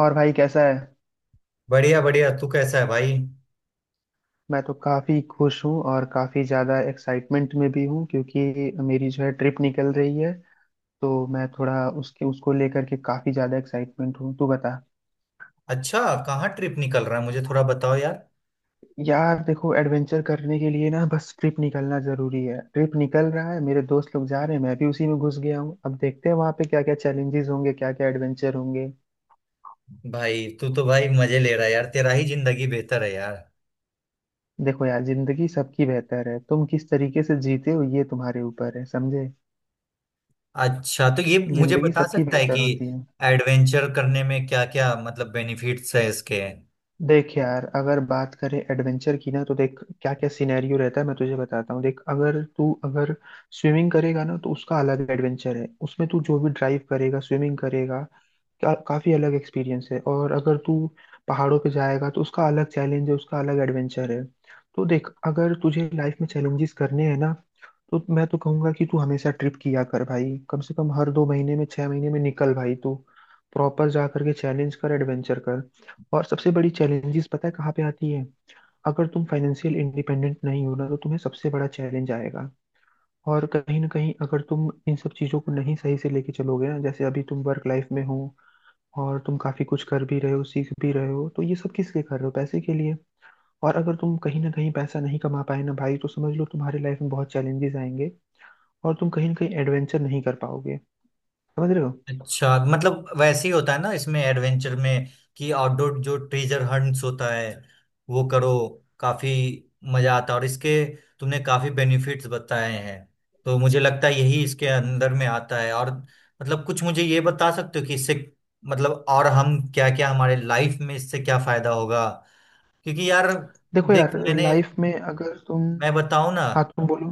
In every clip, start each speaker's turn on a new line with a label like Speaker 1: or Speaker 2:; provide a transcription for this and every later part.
Speaker 1: और भाई कैसा है।
Speaker 2: बढ़िया बढ़िया, तू कैसा है भाई।
Speaker 1: मैं तो काफ़ी खुश हूँ और काफ़ी ज़्यादा एक्साइटमेंट में भी हूँ क्योंकि मेरी जो है ट्रिप निकल रही है, तो मैं थोड़ा उसके उसको लेकर के काफ़ी ज़्यादा एक्साइटमेंट हूँ, तू बता।
Speaker 2: अच्छा, कहाँ ट्रिप निकल रहा है? मुझे थोड़ा बताओ यार।
Speaker 1: यार देखो, एडवेंचर करने के लिए ना बस ट्रिप निकलना ज़रूरी है। ट्रिप निकल रहा है, मेरे दोस्त लोग जा रहे हैं, मैं भी उसी में घुस गया हूँ। अब देखते हैं वहाँ पे क्या क्या चैलेंजेस होंगे, क्या क्या एडवेंचर होंगे।
Speaker 2: भाई, तू तो भाई मजे ले रहा है यार, तेरा ही जिंदगी बेहतर है यार।
Speaker 1: देखो यार, जिंदगी सबकी बेहतर है, तुम किस तरीके से जीते हो ये तुम्हारे ऊपर है, समझे।
Speaker 2: अच्छा, तो ये मुझे
Speaker 1: जिंदगी
Speaker 2: बता
Speaker 1: सबकी
Speaker 2: सकता है
Speaker 1: बेहतर
Speaker 2: कि
Speaker 1: होती है।
Speaker 2: एडवेंचर करने में क्या क्या मतलब बेनिफिट्स है इसके?
Speaker 1: देख यार, अगर बात करें एडवेंचर की ना तो देख क्या क्या सिनेरियो रहता है, मैं तुझे बताता हूँ। देख, अगर स्विमिंग करेगा ना तो उसका अलग एडवेंचर है, उसमें तू जो भी ड्राइव करेगा स्विमिंग करेगा काफी अलग एक्सपीरियंस है। और अगर तू पहाड़ों पे जाएगा तो उसका अलग चैलेंज है, उसका अलग एडवेंचर है। तो देख, अगर तुझे लाइफ में चैलेंजेस करने हैं ना, तो मैं तो कहूंगा कि तू हमेशा ट्रिप किया कर भाई, कम से कम हर दो महीने में, छह महीने में निकल भाई तू, प्रॉपर जा करके चैलेंज कर एडवेंचर कर। और सबसे बड़ी चैलेंजेस पता है कहाँ पे आती है, अगर तुम फाइनेंशियल इंडिपेंडेंट नहीं हो ना तो तुम्हें सबसे बड़ा चैलेंज आएगा। और कहीं ना कहीं अगर तुम इन सब चीज़ों को नहीं सही से लेके चलोगे ना, जैसे अभी तुम वर्क लाइफ में हो और तुम काफ़ी कुछ कर भी रहे हो सीख भी रहे हो, तो ये सब किस लिए कर रहे हो, पैसे के लिए। और अगर तुम कहीं ना कहीं पैसा नहीं कमा पाए ना भाई, तो समझ लो तुम्हारी लाइफ में बहुत चैलेंजेस आएंगे और तुम कहीं ना कहीं एडवेंचर नहीं कर पाओगे, समझ रहे हो।
Speaker 2: अच्छा, मतलब वैसे ही होता है ना इसमें एडवेंचर में, कि आउटडोर जो ट्रेजर हंट्स होता है वो करो। काफी मजा आता है, और इसके तुमने काफी बेनिफिट्स बताए हैं, तो मुझे लगता है यही इसके अंदर में आता है। और मतलब कुछ मुझे ये बता सकते हो कि इससे मतलब और हम क्या क्या, हमारे लाइफ में इससे क्या फायदा होगा? क्योंकि यार
Speaker 1: देखो यार
Speaker 2: देख मैंने
Speaker 1: लाइफ में अगर तुम,
Speaker 2: मैं बताऊं ना,
Speaker 1: हाँ तुम बोलो।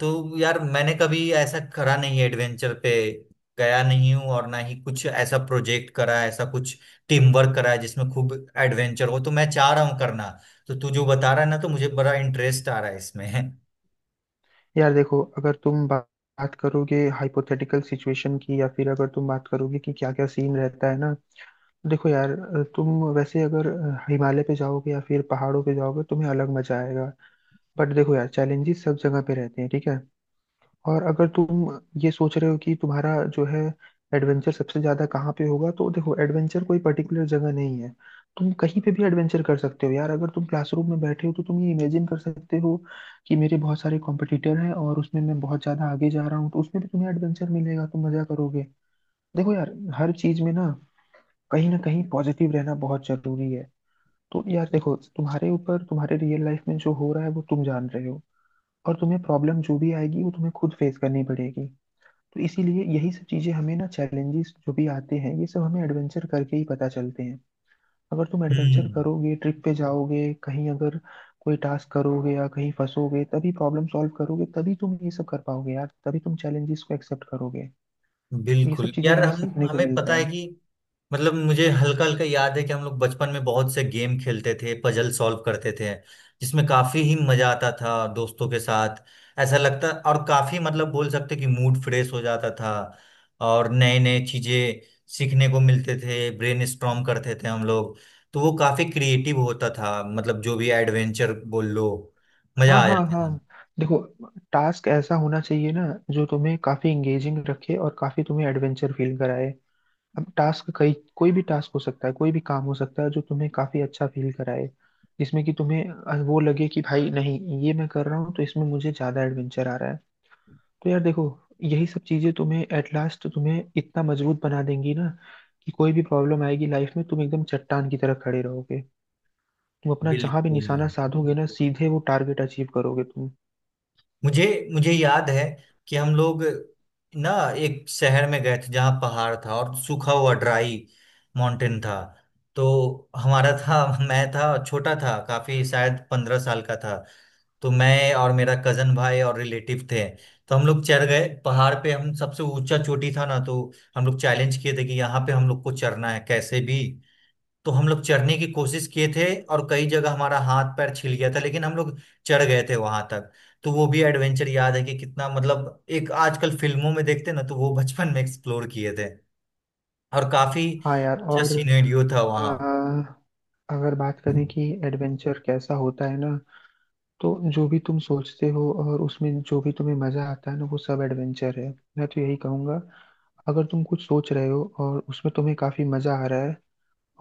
Speaker 2: तो यार मैंने कभी ऐसा करा नहीं है, एडवेंचर पे गया नहीं हूँ, और ना ही कुछ ऐसा प्रोजेक्ट करा है, ऐसा कुछ टीम वर्क करा है जिसमें खूब एडवेंचर हो, तो मैं चाह रहा हूँ करना। तो तू जो बता रहा है ना, तो मुझे बड़ा इंटरेस्ट आ रहा है इसमें।
Speaker 1: यार देखो, अगर तुम बात करोगे हाइपोथेटिकल सिचुएशन की, या फिर अगर तुम बात करोगे कि क्या क्या सीन रहता है ना। देखो यार, तुम वैसे अगर हिमालय पे जाओगे या फिर पहाड़ों पे जाओगे तुम्हें अलग मजा आएगा। बट देखो यार चैलेंजेस सब जगह पे रहते हैं, ठीक है। और अगर तुम ये सोच रहे हो कि तुम्हारा जो है एडवेंचर सबसे ज्यादा कहाँ पे होगा, तो देखो एडवेंचर कोई पर्टिकुलर जगह नहीं है, तुम कहीं पे भी एडवेंचर कर सकते हो यार। अगर तुम क्लासरूम में बैठे हो तो तुम ये इमेजिन कर सकते हो कि मेरे बहुत सारे कॉम्पिटिटर हैं और उसमें मैं बहुत ज्यादा आगे जा रहा हूँ, तो उसमें भी तुम्हें एडवेंचर मिलेगा, तुम मजा करोगे। देखो यार हर चीज में ना कहीं पॉजिटिव रहना बहुत जरूरी है। तो यार देखो, तुम्हारे ऊपर तुम्हारे रियल लाइफ में जो हो रहा है वो तुम जान रहे हो, और तुम्हें प्रॉब्लम जो भी आएगी वो तुम्हें खुद फेस करनी पड़ेगी। तो इसीलिए यही सब चीजें हमें ना, चैलेंजेस जो भी आते हैं ये सब हमें एडवेंचर करके ही पता चलते हैं। अगर तुम एडवेंचर
Speaker 2: हम्म।
Speaker 1: करोगे, ट्रिप पे जाओगे, कहीं अगर कोई टास्क करोगे या कहीं फंसोगे, तभी प्रॉब्लम सॉल्व करोगे, तभी तुम ये सब कर पाओगे यार, तभी तुम चैलेंजेस को एक्सेप्ट करोगे। तो ये सब
Speaker 2: बिल्कुल
Speaker 1: चीजें
Speaker 2: यार,
Speaker 1: हमें
Speaker 2: हम
Speaker 1: सीखने को
Speaker 2: हमें पता
Speaker 1: मिलता
Speaker 2: है
Speaker 1: है।
Speaker 2: कि मतलब मुझे हल्का हल्का याद है कि हम लोग बचपन में बहुत से गेम खेलते थे, पजल सॉल्व करते थे, जिसमें काफी ही मजा आता था दोस्तों के साथ। ऐसा लगता, और काफी मतलब बोल सकते कि मूड फ्रेश हो जाता था, और नए नए चीजें सीखने को मिलते थे, ब्रेन स्ट्रॉम करते थे हम लोग। तो वो काफी क्रिएटिव होता था, मतलब जो भी एडवेंचर बोल लो, मजा
Speaker 1: हाँ
Speaker 2: आ
Speaker 1: हाँ
Speaker 2: जाता था।
Speaker 1: हाँ। देखो, टास्क ऐसा होना चाहिए ना जो तुम्हें काफी इंगेजिंग रखे और काफी तुम्हें एडवेंचर फील कराए। अब टास्क कई कोई भी टास्क हो सकता है, कोई भी काम हो सकता है जो तुम्हें काफी अच्छा फील कराए, जिसमें कि तुम्हें वो लगे कि भाई नहीं ये मैं कर रहा हूँ तो इसमें मुझे ज्यादा एडवेंचर आ रहा है। तो यार देखो, यही सब चीजें तुम्हें एट लास्ट तुम्हें इतना मजबूत बना देंगी ना, कि कोई भी प्रॉब्लम आएगी लाइफ में तुम एकदम चट्टान की तरह खड़े रहोगे, तुम अपना जहां भी
Speaker 2: बिल्कुल।
Speaker 1: निशाना साधोगे ना सीधे वो टारगेट अचीव करोगे तुम।
Speaker 2: मुझे मुझे याद है कि हम लोग ना एक शहर में गए थे जहाँ पहाड़ था, और सूखा हुआ ड्राई माउंटेन था। तो हमारा था, मैं था, छोटा था काफी, शायद 15 साल का था। तो मैं और मेरा कजन भाई और रिलेटिव थे। तो हम लोग चढ़ गए पहाड़ पे, हम सबसे ऊंचा चोटी था ना, तो हम लोग चैलेंज किए थे कि यहाँ पे हम लोग को चढ़ना है कैसे भी। तो हम लोग चढ़ने की कोशिश किए थे, और कई जगह हमारा हाथ पैर छिल गया था, लेकिन हम लोग चढ़ गए थे वहां तक। तो वो भी एडवेंचर याद है कि कितना, मतलब एक आजकल फिल्मों में देखते ना, तो वो बचपन में एक्सप्लोर किए थे। और काफी
Speaker 1: हाँ यार,
Speaker 2: अच्छा
Speaker 1: और
Speaker 2: सिनेरियो था वहाँ।
Speaker 1: अ, अगर बात करें कि एडवेंचर कैसा होता है ना, तो जो भी तुम सोचते हो और उसमें जो भी तुम्हें मजा आता है ना वो सब एडवेंचर है, मैं तो यही कहूंगा। अगर तुम कुछ सोच रहे हो और उसमें तुम्हें काफी मजा आ रहा है,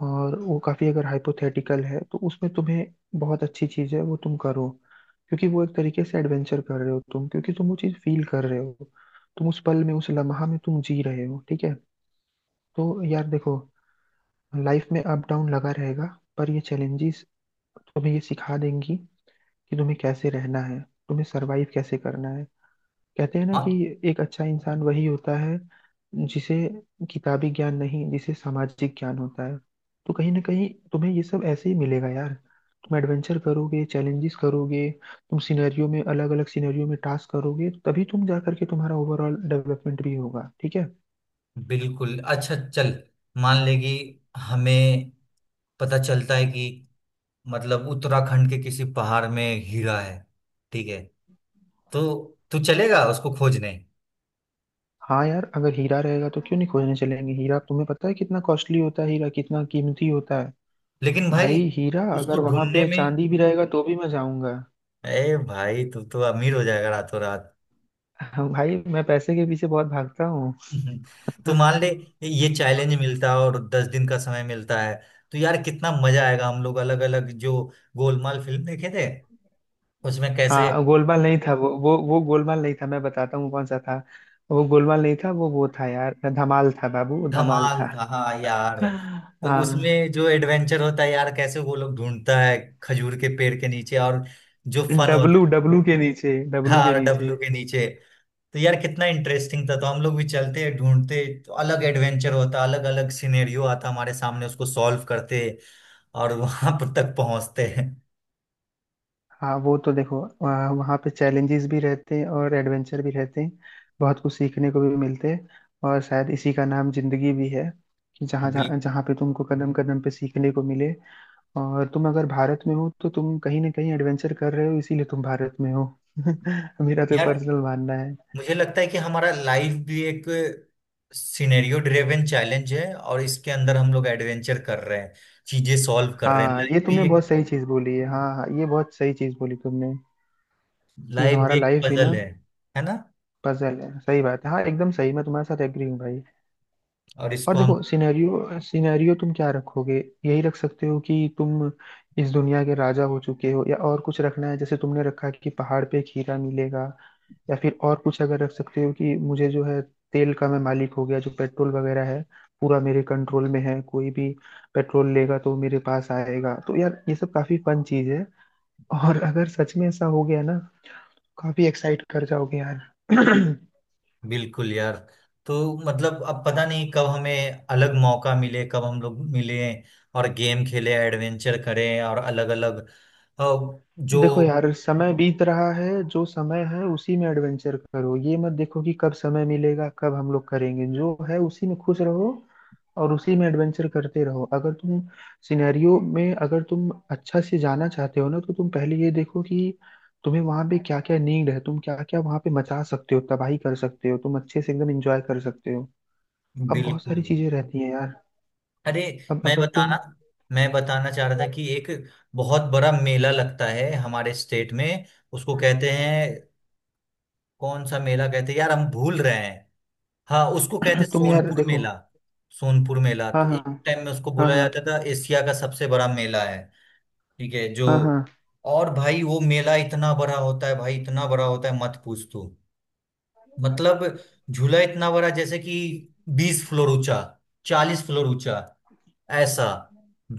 Speaker 1: और वो काफी अगर हाइपोथेटिकल है तो उसमें तुम्हें बहुत अच्छी चीज है वो तुम करो, क्योंकि वो एक तरीके से एडवेंचर कर रहे हो तुम, क्योंकि तुम वो चीज फील कर रहे हो, तुम उस पल में, उस लम्हा में तुम जी रहे हो, ठीक है। तो यार देखो, लाइफ में अप डाउन लगा रहेगा, पर ये चैलेंजेस तुम्हें ये सिखा देंगी कि तुम्हें कैसे रहना है, तुम्हें सरवाइव कैसे करना है। कहते हैं ना कि
Speaker 2: हाँ।
Speaker 1: एक अच्छा इंसान वही होता है जिसे किताबी ज्ञान नहीं, जिसे सामाजिक ज्ञान होता है। तो कहीं ना कहीं तुम्हें ये सब ऐसे ही मिलेगा यार, तुम एडवेंचर करोगे चैलेंजेस करोगे, तुम सिनेरियो में अलग अलग सिनेरियो में टास्क करोगे तभी तुम जा करके तुम्हारा ओवरऑल डेवलपमेंट भी होगा, ठीक है।
Speaker 2: बिल्कुल, अच्छा चल। मान ले कि हमें पता चलता है कि मतलब उत्तराखंड के किसी पहाड़ में हीरा है, ठीक है? तो तू चलेगा उसको खोजने?
Speaker 1: हाँ यार, अगर हीरा रहेगा तो क्यों नहीं खोजने चलेंगे। हीरा तुम्हें पता है कितना कॉस्टली होता है, हीरा कितना कीमती होता है।
Speaker 2: लेकिन भाई
Speaker 1: भाई हीरा अगर,
Speaker 2: उसको
Speaker 1: वहां
Speaker 2: ढूंढने
Speaker 1: पे
Speaker 2: में,
Speaker 1: चांदी भी रहेगा तो भी मैं जाऊंगा।
Speaker 2: अरे भाई तू तो अमीर हो जाएगा रातों रात।
Speaker 1: हाँ, भाई मैं पैसे के पीछे बहुत भागता हूँ।
Speaker 2: तो मान ले, ये चैलेंज मिलता है और 10 दिन का समय मिलता है, तो यार कितना मजा आएगा। हम लोग अलग अलग, जो गोलमाल फिल्म देखे थे उसमें कैसे।
Speaker 1: हाँ गोलमाल नहीं था, वो गोलमाल नहीं था, मैं बताता हूँ कौन सा था। वो गोलमाल नहीं था, वो था यार धमाल, था बाबू वो धमाल
Speaker 2: धमाल
Speaker 1: था।
Speaker 2: था, हाँ यार। तो
Speaker 1: हाँ,
Speaker 2: उसमें जो एडवेंचर होता है यार, कैसे वो लोग ढूंढता है खजूर के पेड़ के नीचे, और जो फन होता।
Speaker 1: डब्लू डब्लू के नीचे, डब्लू के
Speaker 2: हाँ,
Speaker 1: नीचे।
Speaker 2: डब्लू के नीचे। तो यार कितना इंटरेस्टिंग था। तो हम लोग भी चलते ढूंढते, तो अलग एडवेंचर होता, अलग अलग सिनेरियो आता हमारे सामने, उसको सॉल्व करते और वहां पर तक पहुंचते हैं।
Speaker 1: हाँ वो तो देखो, वहाँ वहाँ पे चैलेंजेस भी रहते हैं और एडवेंचर भी रहते हैं, बहुत कुछ सीखने को भी मिलते हैं। और शायद इसी का नाम जिंदगी भी है, कि जहाँ जहाँ
Speaker 2: बिल्कुल।
Speaker 1: जहाँ पे तुमको कदम कदम पे सीखने को मिले। और तुम अगर भारत में हो तो तुम कहीं ना कहीं एडवेंचर कर रहे हो, इसीलिए तुम भारत में हो। मेरा तो
Speaker 2: यार
Speaker 1: पर्सनल मानना है।
Speaker 2: मुझे लगता है कि हमारा लाइफ भी एक सिनेरियो ड्रिवन चैलेंज है, और इसके अंदर हम लोग एडवेंचर कर रहे हैं, चीजें सॉल्व कर रहे हैं।
Speaker 1: हाँ
Speaker 2: लाइफ
Speaker 1: ये तुमने
Speaker 2: भी एक,
Speaker 1: बहुत सही चीज बोली है, हाँ हाँ ये बहुत सही चीज बोली तुमने, कि
Speaker 2: लाइफ भी
Speaker 1: हमारा
Speaker 2: एक
Speaker 1: लाइफ भी ना
Speaker 2: पजल है ना?
Speaker 1: पजल है, सही बात है, हाँ एकदम सही, मैं तुम्हारे साथ एग्री हूँ भाई।
Speaker 2: और इसको
Speaker 1: और
Speaker 2: हम,
Speaker 1: देखो, सिनेरियो सिनेरियो तुम क्या रखोगे, यही रख सकते हो कि तुम इस दुनिया के राजा हो चुके हो, या और कुछ रखना है जैसे तुमने रखा कि पहाड़ पे खीरा मिलेगा। या फिर और कुछ अगर रख सकते हो, कि मुझे जो है तेल का मैं मालिक हो गया, जो पेट्रोल वगैरह है पूरा मेरे कंट्रोल में है, कोई भी पेट्रोल लेगा तो वो मेरे पास आएगा। तो यार ये सब काफी फन चीज है, और अगर सच में ऐसा हो गया ना, काफी एक्साइट कर जाओगे यार।
Speaker 2: बिल्कुल यार। तो मतलब अब पता नहीं कब हमें अलग मौका मिले, कब हम लोग मिले और गेम खेले, एडवेंचर करें और अलग अलग जो।
Speaker 1: देखो यार, समय बीत रहा है, जो समय है उसी में एडवेंचर करो, ये मत देखो कि कब समय मिलेगा कब हम लोग करेंगे, जो है उसी में खुश रहो और उसी में एडवेंचर करते रहो। अगर तुम सिनेरियो में, अगर तुम अच्छा से जाना चाहते हो ना तो तुम पहले ये देखो कि तुम्हें वहां पे क्या क्या नीड है, तुम क्या क्या वहां पे मचा सकते हो, तबाही कर सकते हो, तुम अच्छे से एकदम एंजॉय कर सकते हो। अब बहुत
Speaker 2: बिल्कुल।
Speaker 1: सारी चीजें रहती हैं यार।
Speaker 2: अरे
Speaker 1: अब
Speaker 2: मैं
Speaker 1: अगर
Speaker 2: बताना
Speaker 1: तुम
Speaker 2: मैं बताना चाह रहा था कि एक बहुत बड़ा मेला लगता है हमारे स्टेट में, उसको कहते हैं, कौन सा मेला कहते हैं यार, हम भूल रहे हैं। हाँ, उसको कहते हैं
Speaker 1: तुम यार
Speaker 2: सोनपुर
Speaker 1: देखो।
Speaker 2: मेला। सोनपुर मेला
Speaker 1: हाँ
Speaker 2: तो
Speaker 1: हाँ
Speaker 2: एक
Speaker 1: हाँ।
Speaker 2: टाइम में उसको
Speaker 1: हाँ
Speaker 2: बोला
Speaker 1: हाँ
Speaker 2: जाता था एशिया का सबसे बड़ा मेला है। ठीक है, जो।
Speaker 1: हाँ हाँ।
Speaker 2: और भाई वो मेला इतना बड़ा होता है भाई, इतना बड़ा होता है मत पूछ तू। मतलब झूला इतना बड़ा, जैसे कि 20 फ्लोर ऊंचा, 40 फ्लोर ऊंचा, ऐसा।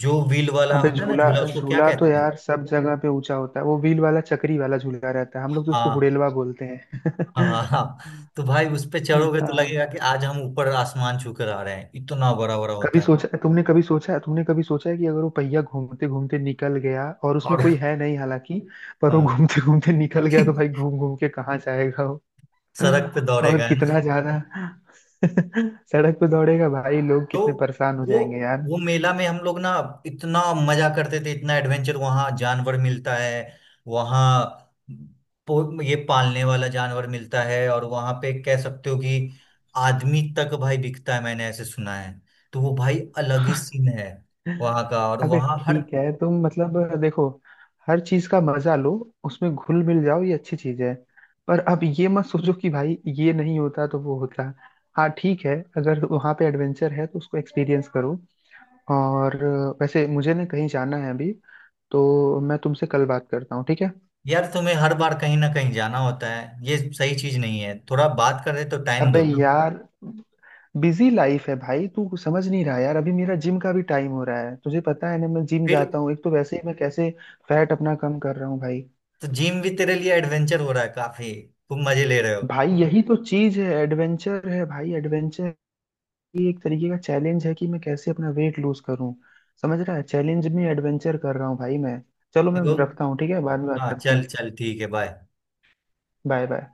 Speaker 2: जो व्हील वाला
Speaker 1: अबे
Speaker 2: होता है ना
Speaker 1: झूला,
Speaker 2: झूला, उसको क्या
Speaker 1: झूला तो
Speaker 2: कहते हैं?
Speaker 1: यार सब जगह पे ऊंचा होता है, वो व्हील वाला चक्री वाला झूला रहता है, हम लोग तो उसको
Speaker 2: हाँ,
Speaker 1: हुडेलवा बोलते हैं।
Speaker 2: हाँ हाँ। तो भाई उस पे चढ़ोगे तो
Speaker 1: हाँ,
Speaker 2: लगेगा कि आज हम ऊपर आसमान छू कर आ रहे हैं, इतना बड़ा बड़ा होता है।
Speaker 1: कभी सोचा है कि अगर वो पहिया घूमते घूमते निकल गया और उसमें कोई
Speaker 2: और
Speaker 1: है नहीं, हालांकि, पर वो
Speaker 2: हाँ।
Speaker 1: घूमते घूमते निकल गया तो भाई घूम घूम के कहाँ जाएगा वो।
Speaker 2: सड़क पे
Speaker 1: और
Speaker 2: दौड़ेगा है।
Speaker 1: कितना ज्यादा सड़क पे दौड़ेगा भाई, लोग
Speaker 2: तो
Speaker 1: कितने परेशान हो
Speaker 2: वो
Speaker 1: जाएंगे यार।
Speaker 2: वो मेला में हम लोग ना इतना मजा करते थे, इतना एडवेंचर। वहां जानवर मिलता है, वहां ये पालने वाला जानवर मिलता है, और वहां पे कह सकते हो कि आदमी तक भाई बिकता है, मैंने ऐसे सुना है। तो वो भाई अलग ही सीन है वहां का। और
Speaker 1: अबे
Speaker 2: वहां हर,
Speaker 1: ठीक है, तुम मतलब देखो हर चीज का मजा लो, उसमें घुल मिल जाओ, ये अच्छी चीज है। पर अब ये मत सोचो कि भाई ये नहीं होता तो वो होता। हाँ ठीक है, अगर वहाँ पे एडवेंचर है तो उसको एक्सपीरियंस करो। और वैसे मुझे ना कहीं जाना है अभी, तो मैं तुमसे कल बात करता हूँ, ठीक है।
Speaker 2: यार तुम्हें हर बार कहीं ना कहीं जाना होता है, ये सही चीज नहीं है। थोड़ा बात कर रहे तो टाइम
Speaker 1: अबे
Speaker 2: दो ना।
Speaker 1: यार, बिजी लाइफ है भाई, तू समझ नहीं रहा यार, अभी मेरा जिम का भी टाइम हो रहा है, तुझे पता है ना मैं जिम
Speaker 2: फिर
Speaker 1: जाता हूँ, एक तो वैसे ही मैं कैसे फैट अपना कम कर रहा हूँ भाई।
Speaker 2: तो जिम भी तेरे लिए एडवेंचर हो रहा है काफी, तुम मजे ले रहे हो।
Speaker 1: भाई यही तो चीज है, एडवेंचर है भाई एडवेंचर, ये एक तरीके का चैलेंज है कि मैं कैसे अपना वेट लूज करूं, समझ रहा है, चैलेंज में एडवेंचर कर रहा हूँ भाई मैं। चलो मैं
Speaker 2: तो
Speaker 1: रखता हूँ ठीक है, बाद में बात
Speaker 2: हाँ,
Speaker 1: करते
Speaker 2: चल
Speaker 1: हैं।
Speaker 2: चल, ठीक है, बाय।
Speaker 1: Bye bye.